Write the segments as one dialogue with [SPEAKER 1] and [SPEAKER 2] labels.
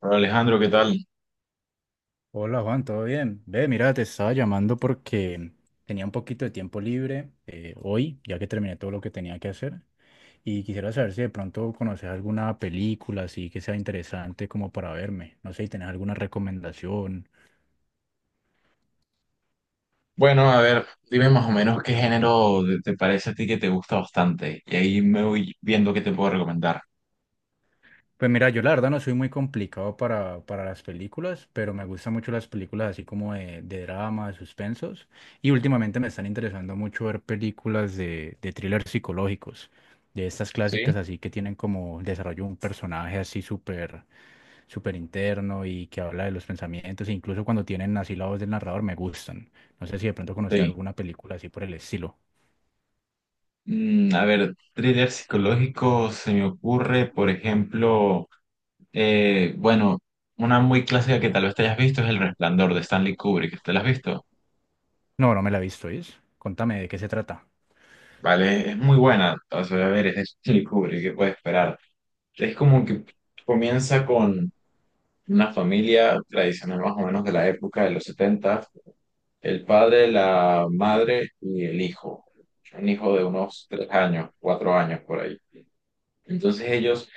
[SPEAKER 1] Hola, Alejandro, ¿qué tal?
[SPEAKER 2] Hola Juan, ¿todo bien? Ve, mira, te estaba llamando porque tenía un poquito de tiempo libre hoy, ya que terminé todo lo que tenía que hacer, y quisiera saber si de pronto conoces alguna película así que sea interesante como para verme. No sé si tenés alguna recomendación.
[SPEAKER 1] Bueno, a ver, dime más o menos te parece a ti que te gusta bastante y ahí me voy viendo qué te puedo recomendar.
[SPEAKER 2] Pues mira, yo la verdad no soy muy complicado para las películas, pero me gustan mucho las películas así como de drama, de suspensos, y últimamente me están interesando mucho ver películas de thrillers psicológicos, de estas
[SPEAKER 1] Sí.
[SPEAKER 2] clásicas así que tienen como el desarrollo de un personaje así súper súper interno y que habla de los pensamientos, e incluso cuando tienen así la voz del narrador me gustan. No sé si de pronto conoces
[SPEAKER 1] Sí.
[SPEAKER 2] alguna película así por el estilo.
[SPEAKER 1] A ver, thriller psicológico se me ocurre, por ejemplo, eh, bueno, una muy clásica que tal vez te hayas visto es El Resplandor de Stanley Kubrick. ¿Te la has visto?
[SPEAKER 2] No, no me la he visto, ¿es? Contame de qué se trata.
[SPEAKER 1] Vale, es muy buena. O sea, a ver, es de Stanley Kubrick, ¿qué puedes esperar? Es como que comienza con una familia tradicional más o menos de la época de los 70. El padre, la madre y el hijo. Un hijo de unos tres años, cuatro años por ahí. Entonces ellos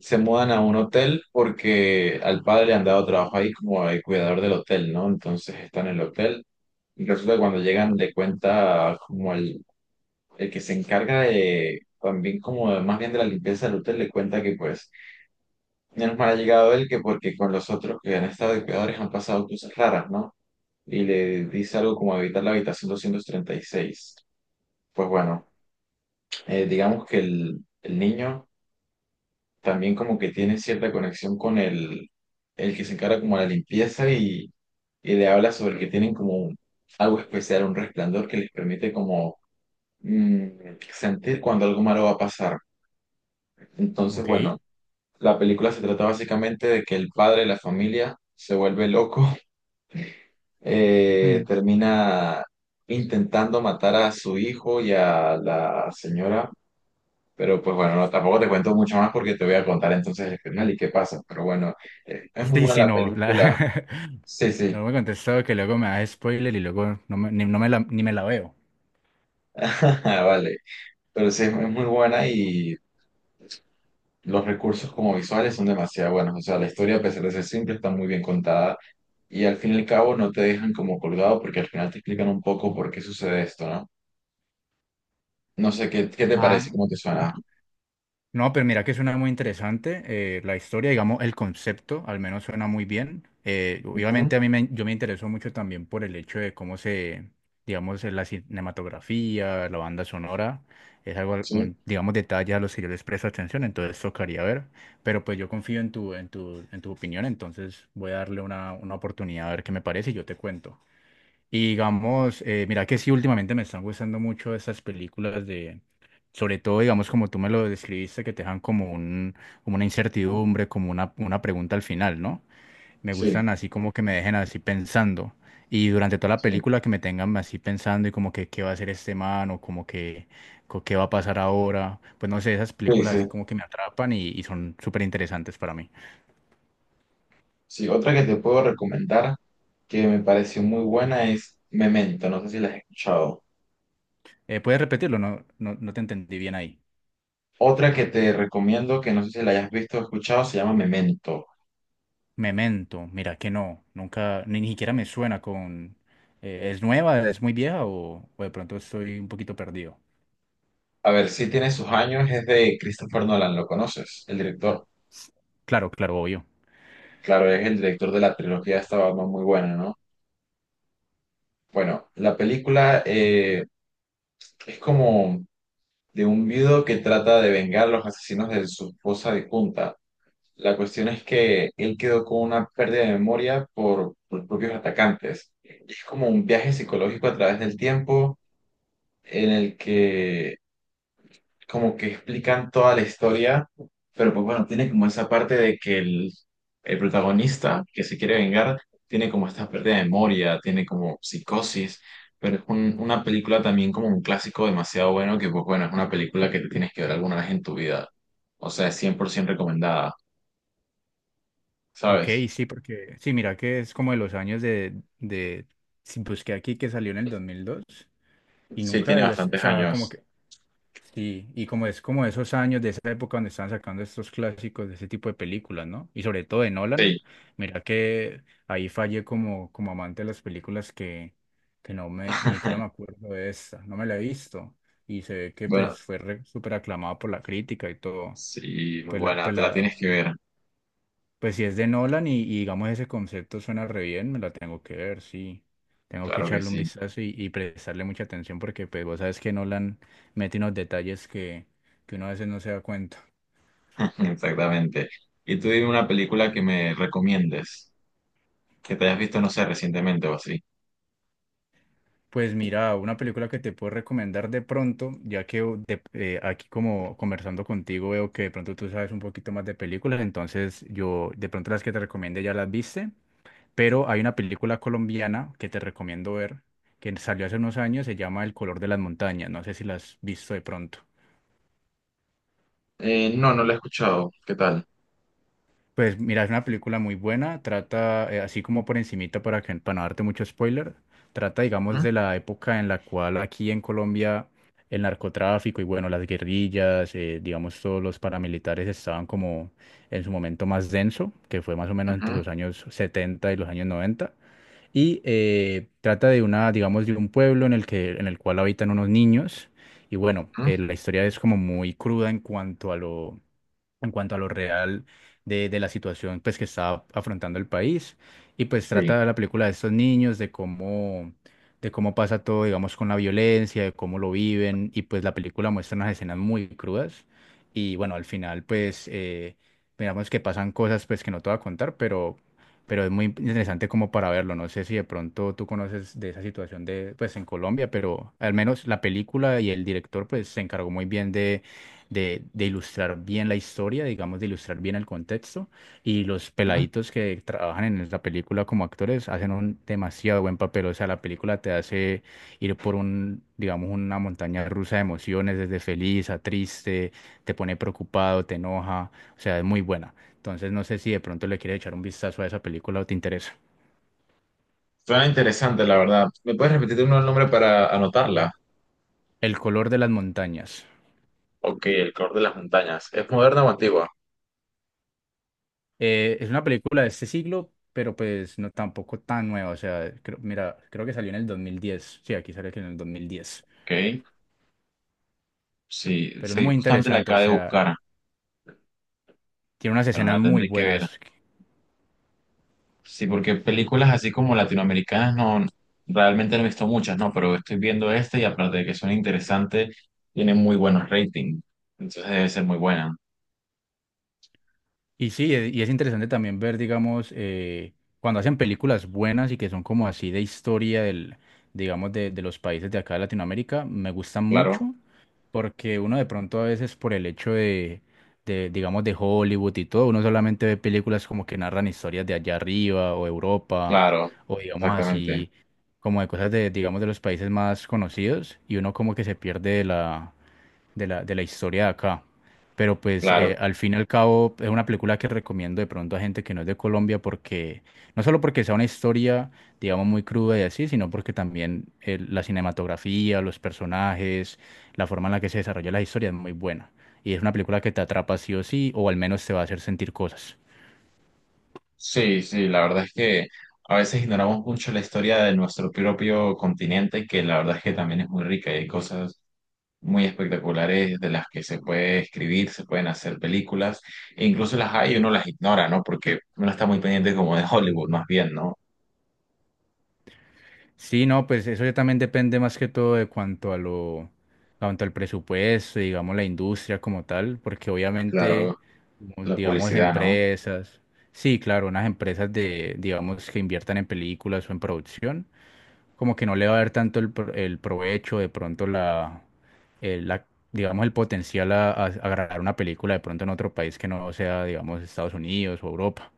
[SPEAKER 1] se mudan a un hotel porque al padre le han dado trabajo ahí como el cuidador del hotel, ¿no? Entonces están en el hotel. Y resulta que cuando llegan le cuenta como el que se encarga de también más bien de la limpieza del hotel, le cuenta que pues menos mal ha llegado él, que porque con los otros que han estado de cuidadores han pasado cosas raras, ¿no?, y le dice algo como habitar la habitación 236. Pues bueno, digamos que el niño también como que tiene cierta conexión con el que se encarga como de la limpieza, y le habla sobre que tienen algo especial, un resplandor que les permite como, mm, sentir cuando algo malo va a pasar. Entonces, bueno,
[SPEAKER 2] Ok.
[SPEAKER 1] la película se trata básicamente de que el padre de la familia se vuelve loco, termina intentando matar a su hijo y a la señora, pero pues bueno, no, tampoco te cuento mucho más porque te voy a contar entonces el final y qué pasa, pero bueno, es muy
[SPEAKER 2] Sí,
[SPEAKER 1] buena
[SPEAKER 2] sí,
[SPEAKER 1] la
[SPEAKER 2] no.
[SPEAKER 1] película, sí, sí.
[SPEAKER 2] No me contestó que luego me da spoiler y luego no me, ni, no me la, ni me la veo.
[SPEAKER 1] Vale, pero sí, es muy buena, y los recursos como visuales son demasiado buenos. O sea, la historia, a pesar de ser simple, está muy bien contada. Y al fin y al cabo no te dejan como colgado porque al final te explican un poco por qué sucede esto, ¿no? No sé qué, qué te parece,
[SPEAKER 2] Ah,
[SPEAKER 1] cómo te suena.
[SPEAKER 2] no, pero mira que suena muy interesante. La historia, digamos, el concepto al menos suena muy bien.
[SPEAKER 1] Ujú.
[SPEAKER 2] Obviamente yo me interesó mucho también por el hecho de cómo se, digamos, la cinematografía, la banda sonora, es algo,
[SPEAKER 1] Sí.
[SPEAKER 2] un, digamos, detalle a los que yo les presto atención, entonces tocaría ver. Pero pues yo confío en tu, en tu, en tu opinión, entonces voy a darle una oportunidad a ver qué me parece y yo te cuento. Y digamos, mira que sí, últimamente me están gustando mucho esas películas de, sobre todo, digamos, como tú me lo describiste, que te dejan como un, como una incertidumbre, como una pregunta al final, ¿no? Me
[SPEAKER 1] Sí,
[SPEAKER 2] gustan así como que me dejen así pensando. Y durante toda la
[SPEAKER 1] sí,
[SPEAKER 2] película que me tengan así pensando y como que qué va a hacer este man o como que qué va a pasar ahora. Pues no sé, esas
[SPEAKER 1] sí,
[SPEAKER 2] películas
[SPEAKER 1] sí.
[SPEAKER 2] así como que me atrapan y son súper interesantes para mí.
[SPEAKER 1] Sí, otra que te puedo recomendar que me pareció muy buena es Memento, no sé si la has escuchado.
[SPEAKER 2] ¿Puedes repetirlo? No, no, no te entendí bien ahí.
[SPEAKER 1] Otra que te recomiendo que no sé si la hayas visto o escuchado se llama Memento.
[SPEAKER 2] Memento, mira que no, nunca, ni siquiera me suena con... ¿Es nueva, es muy vieja o de pronto estoy un poquito perdido?
[SPEAKER 1] A ver, si tiene sus años, es de Christopher Nolan, ¿lo conoces? El director.
[SPEAKER 2] Claro, claro, obvio.
[SPEAKER 1] Claro, es el director de la trilogía de esta Batman muy buena, ¿no? Bueno, la película, es como de un viudo que trata de vengar a los asesinos de su esposa difunta. La cuestión es que él quedó con una pérdida de memoria por los propios atacantes. Es como un viaje psicológico a través del tiempo en el que como que explican toda la historia, pero pues bueno, tiene como esa parte de que el protagonista que se quiere vengar tiene como esta pérdida de memoria, tiene como psicosis, pero es una película también como un clásico demasiado bueno que, pues bueno, es una película que te tienes que ver alguna vez en tu vida. O sea, es 100% recomendada,
[SPEAKER 2] Ok,
[SPEAKER 1] ¿sabes?
[SPEAKER 2] sí, porque... Sí, mira que es como de los años de sí, busqué aquí que salió en el 2002 y
[SPEAKER 1] Sí,
[SPEAKER 2] nunca
[SPEAKER 1] tiene
[SPEAKER 2] había... O
[SPEAKER 1] bastantes
[SPEAKER 2] sea, como
[SPEAKER 1] años.
[SPEAKER 2] que... Sí, y como es como esos años de esa época donde estaban sacando estos clásicos de ese tipo de películas, ¿no? Y sobre todo de
[SPEAKER 1] Sí.
[SPEAKER 2] Nolan, mira que ahí fallé como, como amante de las películas que no me, ni siquiera me acuerdo de esta, no me la he visto. Y se ve que pues
[SPEAKER 1] Bueno,
[SPEAKER 2] súper aclamada por la crítica y todo.
[SPEAKER 1] sí, muy
[SPEAKER 2] Pues la,
[SPEAKER 1] buena.
[SPEAKER 2] pues
[SPEAKER 1] Te la
[SPEAKER 2] la,
[SPEAKER 1] tienes que ver.
[SPEAKER 2] pues si es de Nolan y digamos ese concepto suena re bien, me la tengo que ver, sí. Tengo que
[SPEAKER 1] Claro que
[SPEAKER 2] echarle un
[SPEAKER 1] sí.
[SPEAKER 2] vistazo y prestarle mucha atención porque pues vos sabes que Nolan mete unos detalles que uno a veces no se da cuenta.
[SPEAKER 1] Exactamente. Y tú dime una película que me recomiendes, que te hayas visto, no sé, recientemente o así.
[SPEAKER 2] Pues mira, una película que te puedo recomendar de pronto, ya que aquí como conversando contigo veo que de pronto tú sabes un poquito más de películas, entonces yo de pronto las que te recomiende ya las viste. Pero hay una película colombiana que te recomiendo ver, que salió hace unos años, se llama El color de las montañas. No sé si la has visto de pronto.
[SPEAKER 1] No, no la he escuchado. ¿Qué tal?
[SPEAKER 2] Pues mira, es una película muy buena, trata, así como por encimita para que, para no darte mucho spoiler, trata, digamos,
[SPEAKER 1] ¿Mm?
[SPEAKER 2] de la época en la cual aquí en Colombia el narcotráfico y bueno, las guerrillas, digamos, todos los paramilitares estaban como en su momento más denso, que fue más o menos entre
[SPEAKER 1] Ujú,
[SPEAKER 2] los años 70 y los años 90. Y trata de una, digamos, de un pueblo en el que, en el cual habitan unos niños. Y bueno,
[SPEAKER 1] ujú.
[SPEAKER 2] la historia es como muy cruda en cuanto a lo, en cuanto a lo real de la situación pues, que está afrontando el país. Y pues
[SPEAKER 1] Sí.
[SPEAKER 2] trata la película de estos niños, de cómo pasa todo, digamos, con la violencia, de cómo lo viven. Y pues la película muestra unas escenas muy crudas. Y bueno, al final pues digamos que pasan cosas pues que no te voy a contar, pero es muy interesante como para verlo. No sé si de pronto tú conoces de esa situación de pues en Colombia, pero al menos la película y el director pues se encargó muy bien de ilustrar bien la historia, digamos, de ilustrar bien el contexto. Y los
[SPEAKER 1] ¿Mm?
[SPEAKER 2] peladitos que trabajan en la película como actores hacen un demasiado buen papel. O sea, la película te hace ir por un, digamos, una montaña rusa de emociones, desde feliz a triste, te pone preocupado, te enoja. O sea, es muy buena. Entonces, no sé si de pronto le quieres echar un vistazo a esa película o te interesa.
[SPEAKER 1] Suena interesante, la verdad. ¿Me puedes repetir uno el nombre para anotarla?
[SPEAKER 2] El color de las montañas.
[SPEAKER 1] Ok, El color de las montañas. ¿Es moderna o antigua?
[SPEAKER 2] Es una película de este siglo, pero pues no tampoco tan nueva. O sea, creo- mira, creo que salió en el 2010. Sí, aquí salió que en el 2010.
[SPEAKER 1] Ok, sí,
[SPEAKER 2] Pero es
[SPEAKER 1] sí,
[SPEAKER 2] muy
[SPEAKER 1] justamente la
[SPEAKER 2] interesante, o
[SPEAKER 1] acabo de
[SPEAKER 2] sea,
[SPEAKER 1] buscar,
[SPEAKER 2] tiene unas
[SPEAKER 1] pero
[SPEAKER 2] escenas
[SPEAKER 1] la
[SPEAKER 2] muy
[SPEAKER 1] tendré que ver.
[SPEAKER 2] buenas.
[SPEAKER 1] Sí, porque películas así como latinoamericanas no, realmente no he visto muchas, no, pero estoy viendo esta y aparte de que son interesantes, tienen muy buenos ratings. Entonces debe ser muy buena.
[SPEAKER 2] Y sí, y es interesante también ver, digamos, cuando hacen películas buenas y que son como así de historia del, digamos, de los países de acá de Latinoamérica, me gustan
[SPEAKER 1] Claro,
[SPEAKER 2] mucho porque uno de pronto a veces por el hecho de, digamos, de Hollywood y todo, uno solamente ve películas como que narran historias de allá arriba o Europa
[SPEAKER 1] claro,
[SPEAKER 2] o digamos
[SPEAKER 1] exactamente,
[SPEAKER 2] así, como de cosas de, digamos, de los países más conocidos y uno como que se pierde de la historia de acá. Pero pues
[SPEAKER 1] claro.
[SPEAKER 2] al fin y al cabo es una película que recomiendo de pronto a gente que no es de Colombia porque no solo porque sea una historia, digamos, muy cruda y así, sino porque también la cinematografía, los personajes, la forma en la que se desarrolla la historia es muy buena. Y es una película que te atrapa sí o sí, o al menos te va a hacer sentir cosas.
[SPEAKER 1] Sí, sí, la verdad es que a veces ignoramos mucho la historia de nuestro propio continente, que la verdad es que también es muy rica, y hay cosas muy espectaculares de las que se puede escribir, se pueden hacer películas, e incluso las hay y uno las ignora, ¿no? Porque uno está muy pendiente como de Hollywood, más bien, ¿no?
[SPEAKER 2] Sí, no, pues eso ya también depende más que todo de cuanto a lo, cuanto al presupuesto, digamos, la industria como tal, porque obviamente,
[SPEAKER 1] Claro,
[SPEAKER 2] como,
[SPEAKER 1] la
[SPEAKER 2] digamos,
[SPEAKER 1] publicidad, ¿no?
[SPEAKER 2] empresas, sí, claro, unas empresas de, digamos, que inviertan en películas o en producción, como que no le va a dar tanto el, el provecho, de pronto la, la, digamos, el potencial a grabar una película de pronto en otro país que no sea, digamos, Estados Unidos o Europa,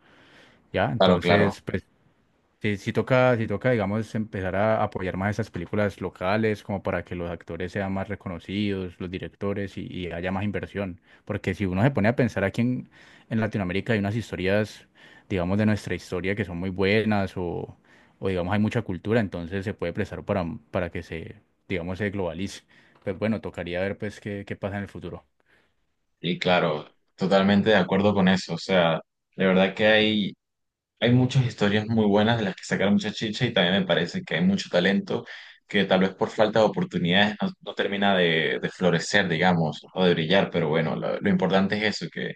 [SPEAKER 2] ¿ya?
[SPEAKER 1] Claro, claro.
[SPEAKER 2] Entonces, pues sí, sí toca, digamos, empezar a apoyar más esas películas locales, como para que los actores sean más reconocidos, los directores y haya más inversión. Porque si uno se pone a pensar aquí en Latinoamérica hay unas historias, digamos, de nuestra historia que son muy buenas o digamos, hay mucha cultura, entonces se puede prestar para que se, digamos, se globalice. Pues bueno, tocaría ver pues qué, qué pasa en el futuro.
[SPEAKER 1] Y claro, totalmente de acuerdo con eso. O sea, de verdad que hay muchas historias muy buenas de las que sacar mucha chicha, y también me parece que hay mucho talento que tal vez por falta de oportunidades no, no termina de florecer, digamos, o de brillar. Pero bueno, lo importante es eso, que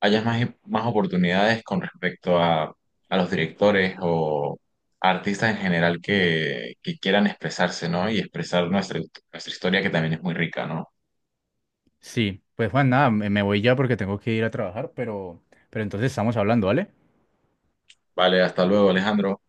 [SPEAKER 1] haya más, más oportunidades con respecto a los directores o a artistas en general que quieran expresarse, ¿no? Y expresar nuestra, nuestra historia que también es muy rica, ¿no?
[SPEAKER 2] Sí, pues Juan, nada, me voy ya porque tengo que ir a trabajar, pero entonces estamos hablando, ¿vale?
[SPEAKER 1] Vale, hasta luego, Alejandro.